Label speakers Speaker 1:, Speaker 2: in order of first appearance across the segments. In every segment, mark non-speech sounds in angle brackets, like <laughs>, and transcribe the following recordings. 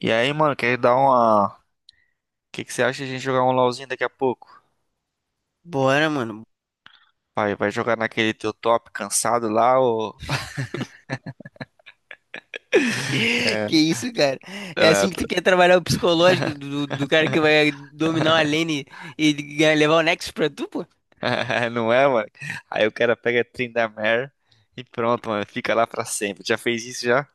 Speaker 1: E aí, mano, quer dar uma. O que que você acha de a gente jogar um LOLzinho daqui a pouco?
Speaker 2: Bora, mano.
Speaker 1: Vai, vai jogar naquele teu top cansado lá, ou.
Speaker 2: <laughs> Que isso, cara? É assim que tu quer trabalhar o psicológico do cara que vai dominar uma lane e levar o Nexus pra tu, pô?
Speaker 1: <laughs> Não é, mano? Aí o cara pega Tryndamere e pronto, mano, fica lá pra sempre. Já fez isso já?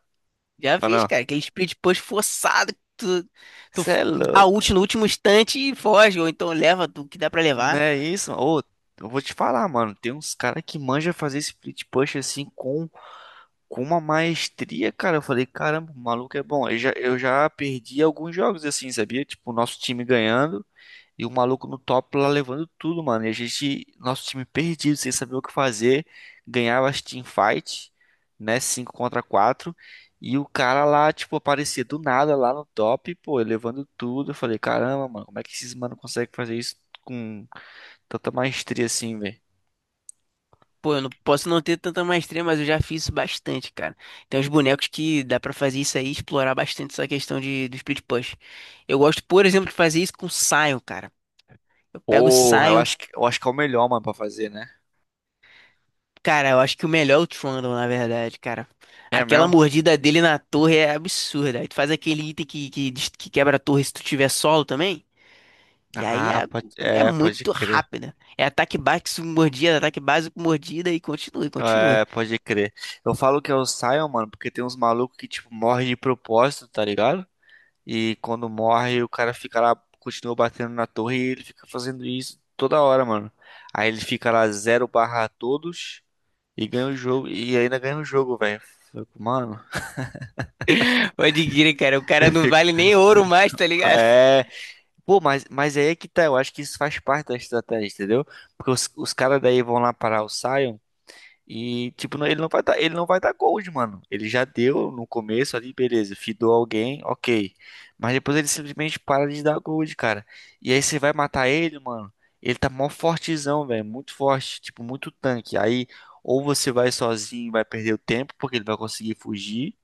Speaker 2: Já
Speaker 1: Ou
Speaker 2: fiz,
Speaker 1: não?
Speaker 2: cara. Aquele split push forçado que tu, tu
Speaker 1: Você
Speaker 2: f-
Speaker 1: é
Speaker 2: dá ult
Speaker 1: louco.
Speaker 2: no último instante e foge, ou então leva o que dá pra
Speaker 1: Não
Speaker 2: levar.
Speaker 1: é isso, mano? Ô, eu vou te falar, mano, tem uns caras que manja fazer split push assim com. Com uma maestria, cara, eu falei, caramba, o maluco é bom. Eu já perdi alguns jogos assim, sabia? Tipo, o nosso time ganhando. E o maluco no top lá levando tudo, mano. E a gente, nosso time perdido, sem saber o que fazer. Ganhava as teamfight, né? Cinco contra quatro. E o cara lá, tipo, aparecia do nada lá no top, pô, levando tudo. Eu falei, caramba, mano, como é que esses mano conseguem fazer isso com tanta maestria assim, velho?
Speaker 2: Pô, eu não posso não ter tanta maestria, mas eu já fiz isso bastante, cara. Tem uns bonecos que dá pra fazer isso aí, e explorar bastante essa questão de, do split push. Eu gosto, por exemplo, de fazer isso com Sion, cara. Eu pego o
Speaker 1: Porra, eu
Speaker 2: Sion.
Speaker 1: acho que, eu acho que é o melhor, mano, pra fazer, né?
Speaker 2: Cara, eu acho que o melhor é o Trundle, na verdade, cara.
Speaker 1: É
Speaker 2: Aquela
Speaker 1: mesmo?
Speaker 2: mordida dele na torre é absurda. Aí tu faz aquele item que quebra a torre se tu tiver solo também. E aí
Speaker 1: Ah,
Speaker 2: é,
Speaker 1: pode,
Speaker 2: é
Speaker 1: é, pode
Speaker 2: muito
Speaker 1: crer.
Speaker 2: rápida. É ataque básico, com mordida, ataque básico, com mordida e continua, e continua.
Speaker 1: É, pode crer. Eu falo que é o Sion, mano, porque tem uns malucos que, tipo, morrem de propósito, tá ligado? E quando morre, o cara fica lá, continua batendo na torre e ele fica fazendo isso toda hora, mano. Aí ele fica lá zero barra todos e ganha o jogo. E ainda ganha o jogo, velho. Eu fico, mano,
Speaker 2: <laughs> Pode crer, cara. O
Speaker 1: <laughs> eu
Speaker 2: cara não
Speaker 1: fico.
Speaker 2: vale nem ouro mais, tá ligado?
Speaker 1: É. Pô, mas aí é que tá. Eu acho que isso faz parte da estratégia, entendeu? Porque os caras daí vão lá parar o Sion. E, tipo, não- ele não vai dar gold, mano. Ele já deu no começo ali, beleza, fidou alguém, ok. Mas depois ele simplesmente para de dar gold, cara. E aí você vai matar ele, mano. Ele tá mó fortezão, velho. Muito forte, tipo, muito tanque. Aí, ou você vai sozinho e vai perder o tempo, porque ele vai conseguir fugir.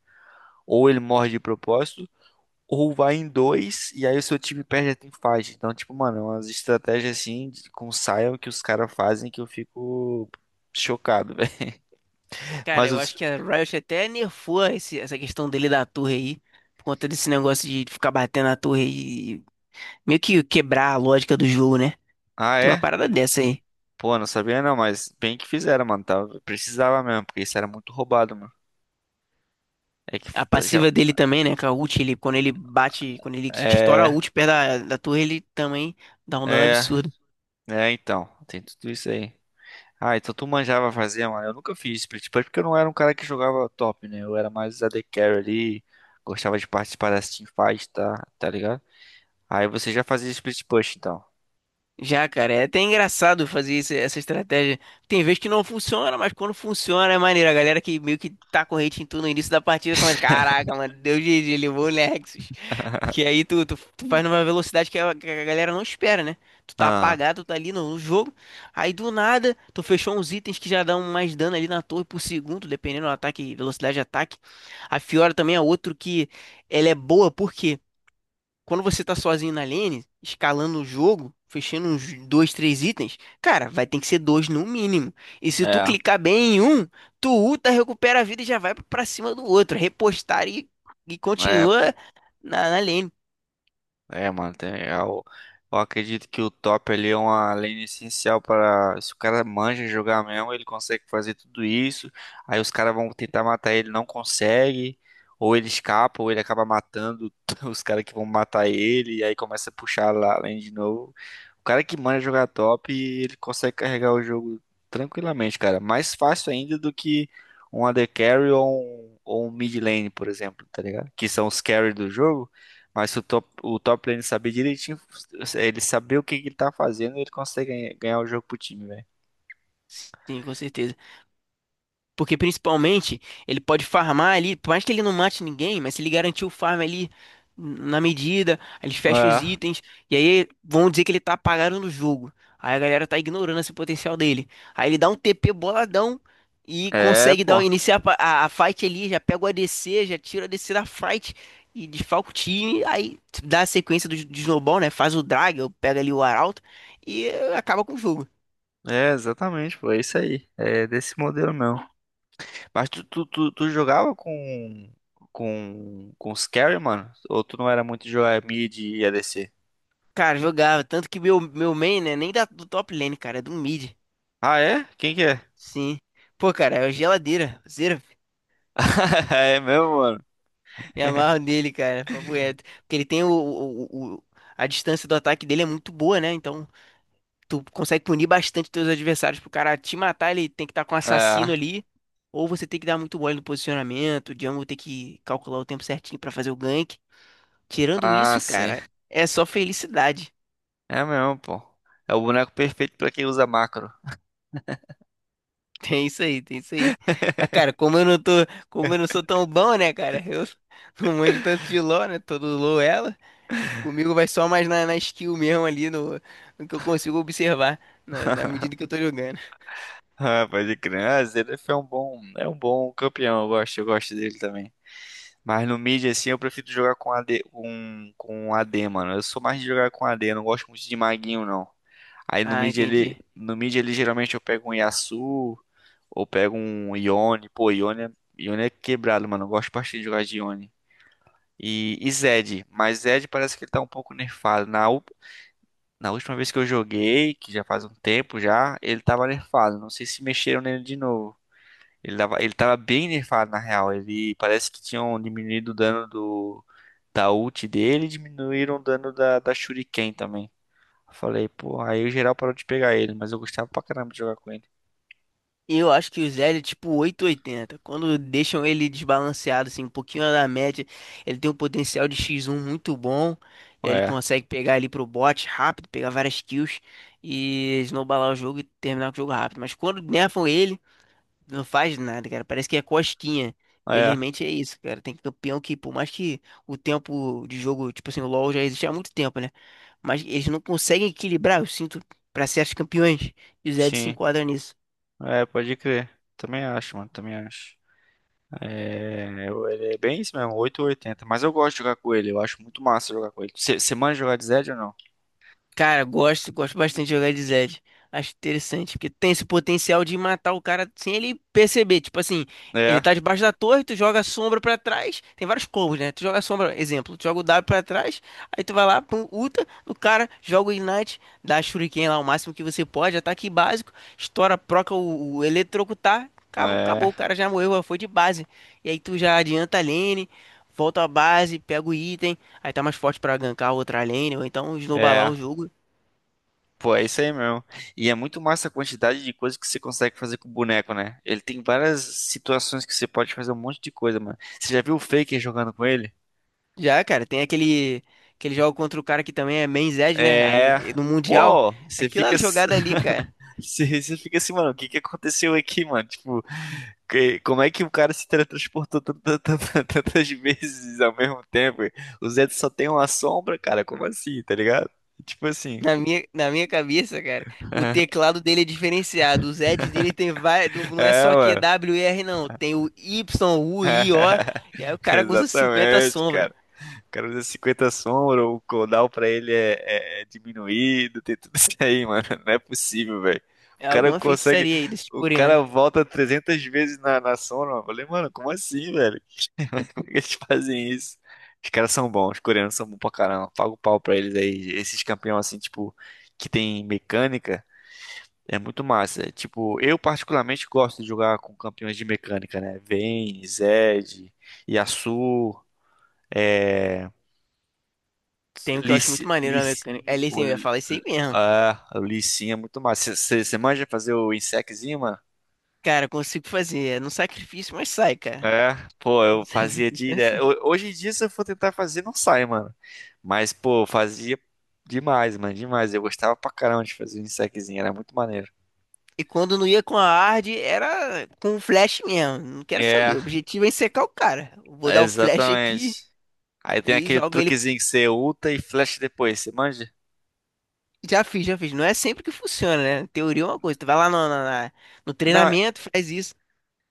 Speaker 1: Ou ele morre de propósito. Ou vai em dois, e aí o seu time perde a teamfight. Então, tipo, mano, é umas estratégias assim, de- com Sion que os caras fazem que eu fico chocado, <laughs> velho.
Speaker 2: Cara,
Speaker 1: Mas
Speaker 2: eu acho
Speaker 1: os.
Speaker 2: que a Riot até nerfou essa questão dele da torre aí. Por conta desse negócio de ficar batendo na torre e meio que quebrar a lógica do jogo, né?
Speaker 1: Ah,
Speaker 2: Tem uma
Speaker 1: é?
Speaker 2: parada dessa aí.
Speaker 1: Pô, não sabia não, mas bem que fizeram, mano. Tava, precisava mesmo, porque isso era muito roubado, mano. É que
Speaker 2: A
Speaker 1: tá já.
Speaker 2: passiva dele também, né? Com a ult, ele, quando ele bate, quando ele estoura a
Speaker 1: É,
Speaker 2: ult perto da, da torre, ele também dá um dano
Speaker 1: é,
Speaker 2: absurdo.
Speaker 1: então. Tem tudo isso aí. Ah, então tu manjava fazer, mano. Eu nunca fiz split push porque eu não era um cara que jogava top, né? Eu era mais AD carry ali. Gostava de participar das teamfights, tá? Tá ligado? Aí você já fazia split push, então.
Speaker 2: Já, cara, é até engraçado fazer essa estratégia. Tem vezes que não funciona, mas quando funciona é maneiro. A galera que meio que tá com hate em tudo no início da partida começa, caraca, mano, deu GG, levou o Nexus. Porque aí tu faz numa velocidade que a galera não espera, né? Tu tá
Speaker 1: Ah,
Speaker 2: apagado, tu tá ali no, no jogo, aí do nada tu fechou uns itens que já dão mais dano ali na torre por segundo, dependendo do ataque, velocidade de ataque. A Fiora também é outro que ela é boa, por quê? Quando você tá sozinho na lane, escalando o jogo, fechando uns dois, três itens, cara, vai ter que ser dois no mínimo. E se tu
Speaker 1: é.
Speaker 2: clicar bem em um, tu ulta, recupera a vida e já vai pra cima do outro. Repostar e
Speaker 1: É, pô.
Speaker 2: continua na, na lane.
Speaker 1: É, mano, tem, eu acredito que o top ali é uma lane essencial para se o cara manja jogar mesmo, ele consegue fazer tudo isso. Aí os caras vão tentar matar ele, não consegue, ou ele escapa, ou ele acaba matando <laughs> os caras que vão matar ele, e aí começa a puxar lá a lane de novo. O cara que manja jogar top, ele consegue carregar o jogo tranquilamente, cara. Mais fácil ainda do que um AD carry ou um mid lane, por exemplo, tá ligado? Que são os carry do jogo. Mas se o top, o top lane saber direitinho, ele saber o que que ele tá fazendo, ele consegue ganha- ganhar o jogo pro time, velho.
Speaker 2: Sim, com certeza. Porque principalmente ele pode farmar ali, por mais que ele não mate ninguém, mas se ele garantir o farm ali na medida, aí eles fecham os itens, e aí vão dizer que ele tá apagado no jogo. Aí a galera tá ignorando esse potencial dele. Aí ele dá um TP boladão e
Speaker 1: É, é,
Speaker 2: consegue
Speaker 1: pô.
Speaker 2: dar, iniciar a a fight ali, já pega o ADC, já tira o ADC da fight e desfalca o time. Aí dá a sequência do, de snowball, né? Faz o drag, pega ali o arauto e acaba com o jogo.
Speaker 1: É, exatamente, pô. É isso aí. É desse modelo mesmo. Mas tu jogava com, com os carry, mano? Ou tu não era muito de jogar mid e ADC?
Speaker 2: Cara, jogava. Tanto que meu main, né? Nem da, do top lane, cara. É do mid.
Speaker 1: Ah, é? Quem que é?
Speaker 2: Sim. Pô, cara, é o geladeira. Zero.
Speaker 1: <laughs> É mesmo, mano.
Speaker 2: Me amarro nele, cara. Papo reto. Porque ele tem o A distância do ataque dele é muito boa, né? Então, tu consegue punir bastante teus adversários. Pro cara te matar, ele tem que estar com um
Speaker 1: É.
Speaker 2: assassino ali. Ou você tem que dar muito mole no posicionamento. O jungle tem que calcular o tempo certinho pra fazer o gank. Tirando
Speaker 1: Ah,
Speaker 2: isso,
Speaker 1: sim.
Speaker 2: cara, é só felicidade.
Speaker 1: É mesmo, pô. É o boneco perfeito pra quem usa macro.
Speaker 2: <laughs> Tem isso aí, tem isso aí. Mas, cara, como eu não sou tão bom, né, cara? Eu <laughs> não manjo tanto de LoL, né? Todo LoL é ela. Comigo vai só mais na, na skill mesmo ali, no, no que eu consigo observar, na, na medida que eu tô jogando.
Speaker 1: Ah, pode crer. Ah, Zverev é um bom campeão. Eu gosto dele também. Mas no mid, assim, eu prefiro jogar com AD, com AD, mano. Eu sou mais de jogar com AD, eu não gosto muito de maguinho, não. Aí no
Speaker 2: Ah,
Speaker 1: mid,
Speaker 2: entendi.
Speaker 1: ele, no mid, ele geralmente eu pego um Yasuo, ou pego um Yone. Pô, Yone é quebrado, mano. Eu gosto bastante de jogar de Yone. E Zed, mas Zed parece que ele tá um pouco nerfado. Na, u- na última vez que eu joguei, que já faz um tempo já, ele tava nerfado. Não sei se mexeram nele de novo. Ele tava bem nerfado, na real. Ele parece que tinham diminuído o dano do, da ult dele e diminuíram o dano da, da Shuriken também. Eu falei, pô, aí o geral parou de pegar ele, mas eu gostava pra caramba de jogar com ele.
Speaker 2: Eu acho que o Zed é tipo 800 e 80. Quando deixam ele desbalanceado, assim, um pouquinho da média, ele tem um potencial de x um muito bom. Ele
Speaker 1: É,
Speaker 2: consegue pegar ali pro bot rápido, pegar várias kills e snowballar o jogo e terminar com o jogo rápido. Mas quando nerfam ele. Não faz nada, cara. Parece que é cosquinha.
Speaker 1: é,
Speaker 2: Felizmente é isso, cara. Tem campeão que, por mais que o tempo de jogo, tipo assim, o LoL já existe há muito tempo, né? Mas eles não conseguem equilibrar, eu sinto, pra certos campeões. E o Zed se
Speaker 1: sim,
Speaker 2: enquadra nisso.
Speaker 1: é, pode crer. Também acho, mano, também acho. É, eu- ele é bem isso mesmo, oito ou oitenta. Mas eu gosto de jogar com ele, eu acho muito massa jogar com ele. Você manja jogar de Zed ou não?
Speaker 2: Cara, gosto, gosto bastante de jogar de Zed. Acho interessante, porque tem esse potencial de matar o cara sem ele perceber. Tipo assim, ele
Speaker 1: É,
Speaker 2: tá debaixo da torre, tu joga a sombra pra trás. Tem vários combos, né? Tu joga a sombra, exemplo, tu joga o W pra trás, aí tu vai lá, pum, ulta no cara, joga o Ignite, dá a Shuriken lá o máximo que você pode, ataque básico, estoura, proca o eletrocutar, acabou,
Speaker 1: é,
Speaker 2: acabou, o cara já morreu, já foi de base. E aí tu já adianta a lane, volta à base, pega o item. Aí tá mais forte pra gankar outra lane, ou então snowballar
Speaker 1: é.
Speaker 2: o jogo.
Speaker 1: Pô, é isso aí mesmo. E é muito massa a quantidade de coisas que você consegue fazer com o boneco, né? Ele tem várias situações que você pode fazer um monte de coisa, mano. Você já viu o Faker jogando com ele?
Speaker 2: Já, cara, tem aquele, aquele jogo contra o cara que também é main Zed, né?
Speaker 1: É.
Speaker 2: Aí no Mundial,
Speaker 1: Pô, você fica.
Speaker 2: aquela jogada ali, cara,
Speaker 1: <laughs> Você fica assim, mano, o que que aconteceu aqui, mano? Tipo, que- como é que o cara se teletransportou tantas vezes ao mesmo tempo? O Zed só tem uma sombra, cara, como assim, tá ligado? Tipo assim.
Speaker 2: na minha cabeça, cara, o
Speaker 1: <laughs>
Speaker 2: teclado dele é diferenciado. O Zed dele tem vai, não é
Speaker 1: É,
Speaker 2: só Q
Speaker 1: mano.
Speaker 2: W e R não. Tem o Y, U, I, O.
Speaker 1: <laughs>
Speaker 2: E aí o cara usa 50
Speaker 1: Exatamente,
Speaker 2: sombra.
Speaker 1: cara. Cara usa 50 sombra, o cooldown pra ele é, é- é diminuído, tem tudo isso aí, mano. Não é possível, velho.
Speaker 2: É
Speaker 1: O cara
Speaker 2: alguma
Speaker 1: consegue.
Speaker 2: feitiçaria aí desse
Speaker 1: O
Speaker 2: coreano.
Speaker 1: cara volta 300 vezes na, na sombra, mano. Eu falei, mano, como assim, velho? Como é que eles fazem isso? Os caras são bons, os coreanos são bons pra caramba. Paga o pau pra eles aí. Esses campeões, assim, tipo, que tem mecânica, é muito massa. Tipo, eu particularmente gosto de jogar com campeões de mecânica, né? Vayne, Zed, Yasuo. É,
Speaker 2: Tem um que eu acho muito
Speaker 1: lici,
Speaker 2: maneiro na mecânica.
Speaker 1: Lissi,
Speaker 2: Ali sim,
Speaker 1: pô.
Speaker 2: eu ia
Speaker 1: Li-
Speaker 2: falar isso aí mesmo.
Speaker 1: ah, o Lissinha é muito massa. Você manja fazer o insecozinho, mano?
Speaker 2: Cara, consigo fazer. É no sacrifício, mas sai, cara.
Speaker 1: É, pô,
Speaker 2: Não
Speaker 1: eu
Speaker 2: sei o que
Speaker 1: fazia
Speaker 2: eu
Speaker 1: direto.
Speaker 2: pensar.
Speaker 1: Ho-
Speaker 2: <laughs>
Speaker 1: hoje em dia, se eu for tentar fazer, não sai, mano. Mas, pô, eu fazia demais, mano, demais. Eu gostava pra caramba de fazer o insecozinho, era muito maneiro.
Speaker 2: E quando não ia com a hard, era com o flash mesmo. Não quero
Speaker 1: É,
Speaker 2: saber. O objetivo é secar o cara. Vou dar o flash aqui
Speaker 1: exatamente. Aí tem
Speaker 2: e
Speaker 1: aquele
Speaker 2: jogo ele.
Speaker 1: truquezinho que você ulta e flecha depois, você manja?
Speaker 2: Já fiz, já fiz. Não é sempre que funciona, né? Teoria é uma coisa. Tu vai lá no, na no
Speaker 1: Não,
Speaker 2: treinamento, faz isso.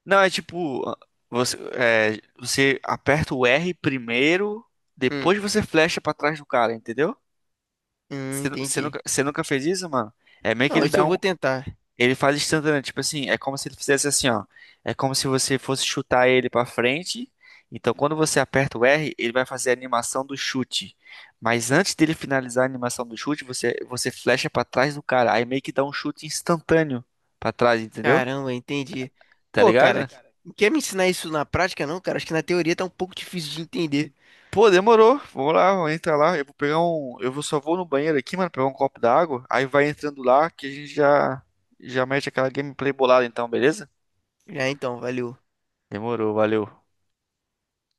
Speaker 1: não, é tipo, você, é, você aperta o R primeiro,
Speaker 2: Hum,
Speaker 1: depois você flecha pra trás do cara, entendeu? Você, nu-
Speaker 2: entendi.
Speaker 1: você nunca fez isso, mano? É meio que
Speaker 2: Não,
Speaker 1: ele
Speaker 2: isso
Speaker 1: dá
Speaker 2: eu
Speaker 1: um.
Speaker 2: vou tentar.
Speaker 1: Ele faz instantâneo, tipo assim, é como se ele fizesse assim, ó. É como se você fosse chutar ele pra frente. Então, quando você aperta o R, ele vai fazer a animação do chute. Mas antes dele finalizar a animação do chute, você flecha pra trás do cara. Aí meio que dá um chute instantâneo pra trás, entendeu?
Speaker 2: Caramba, entendi.
Speaker 1: Tá
Speaker 2: Pô, cara,
Speaker 1: ligado?
Speaker 2: quer me ensinar isso na prática, não, cara? Acho que na teoria tá um pouco difícil de entender.
Speaker 1: Pô, demorou. Vamos lá, vamos entrar lá. Eu vou pegar um. Eu vou só vou no banheiro aqui, mano, pegar um copo d'água. Aí vai entrando lá que a gente já mete aquela gameplay bolada então, beleza?
Speaker 2: Já então, valeu.
Speaker 1: Demorou, valeu.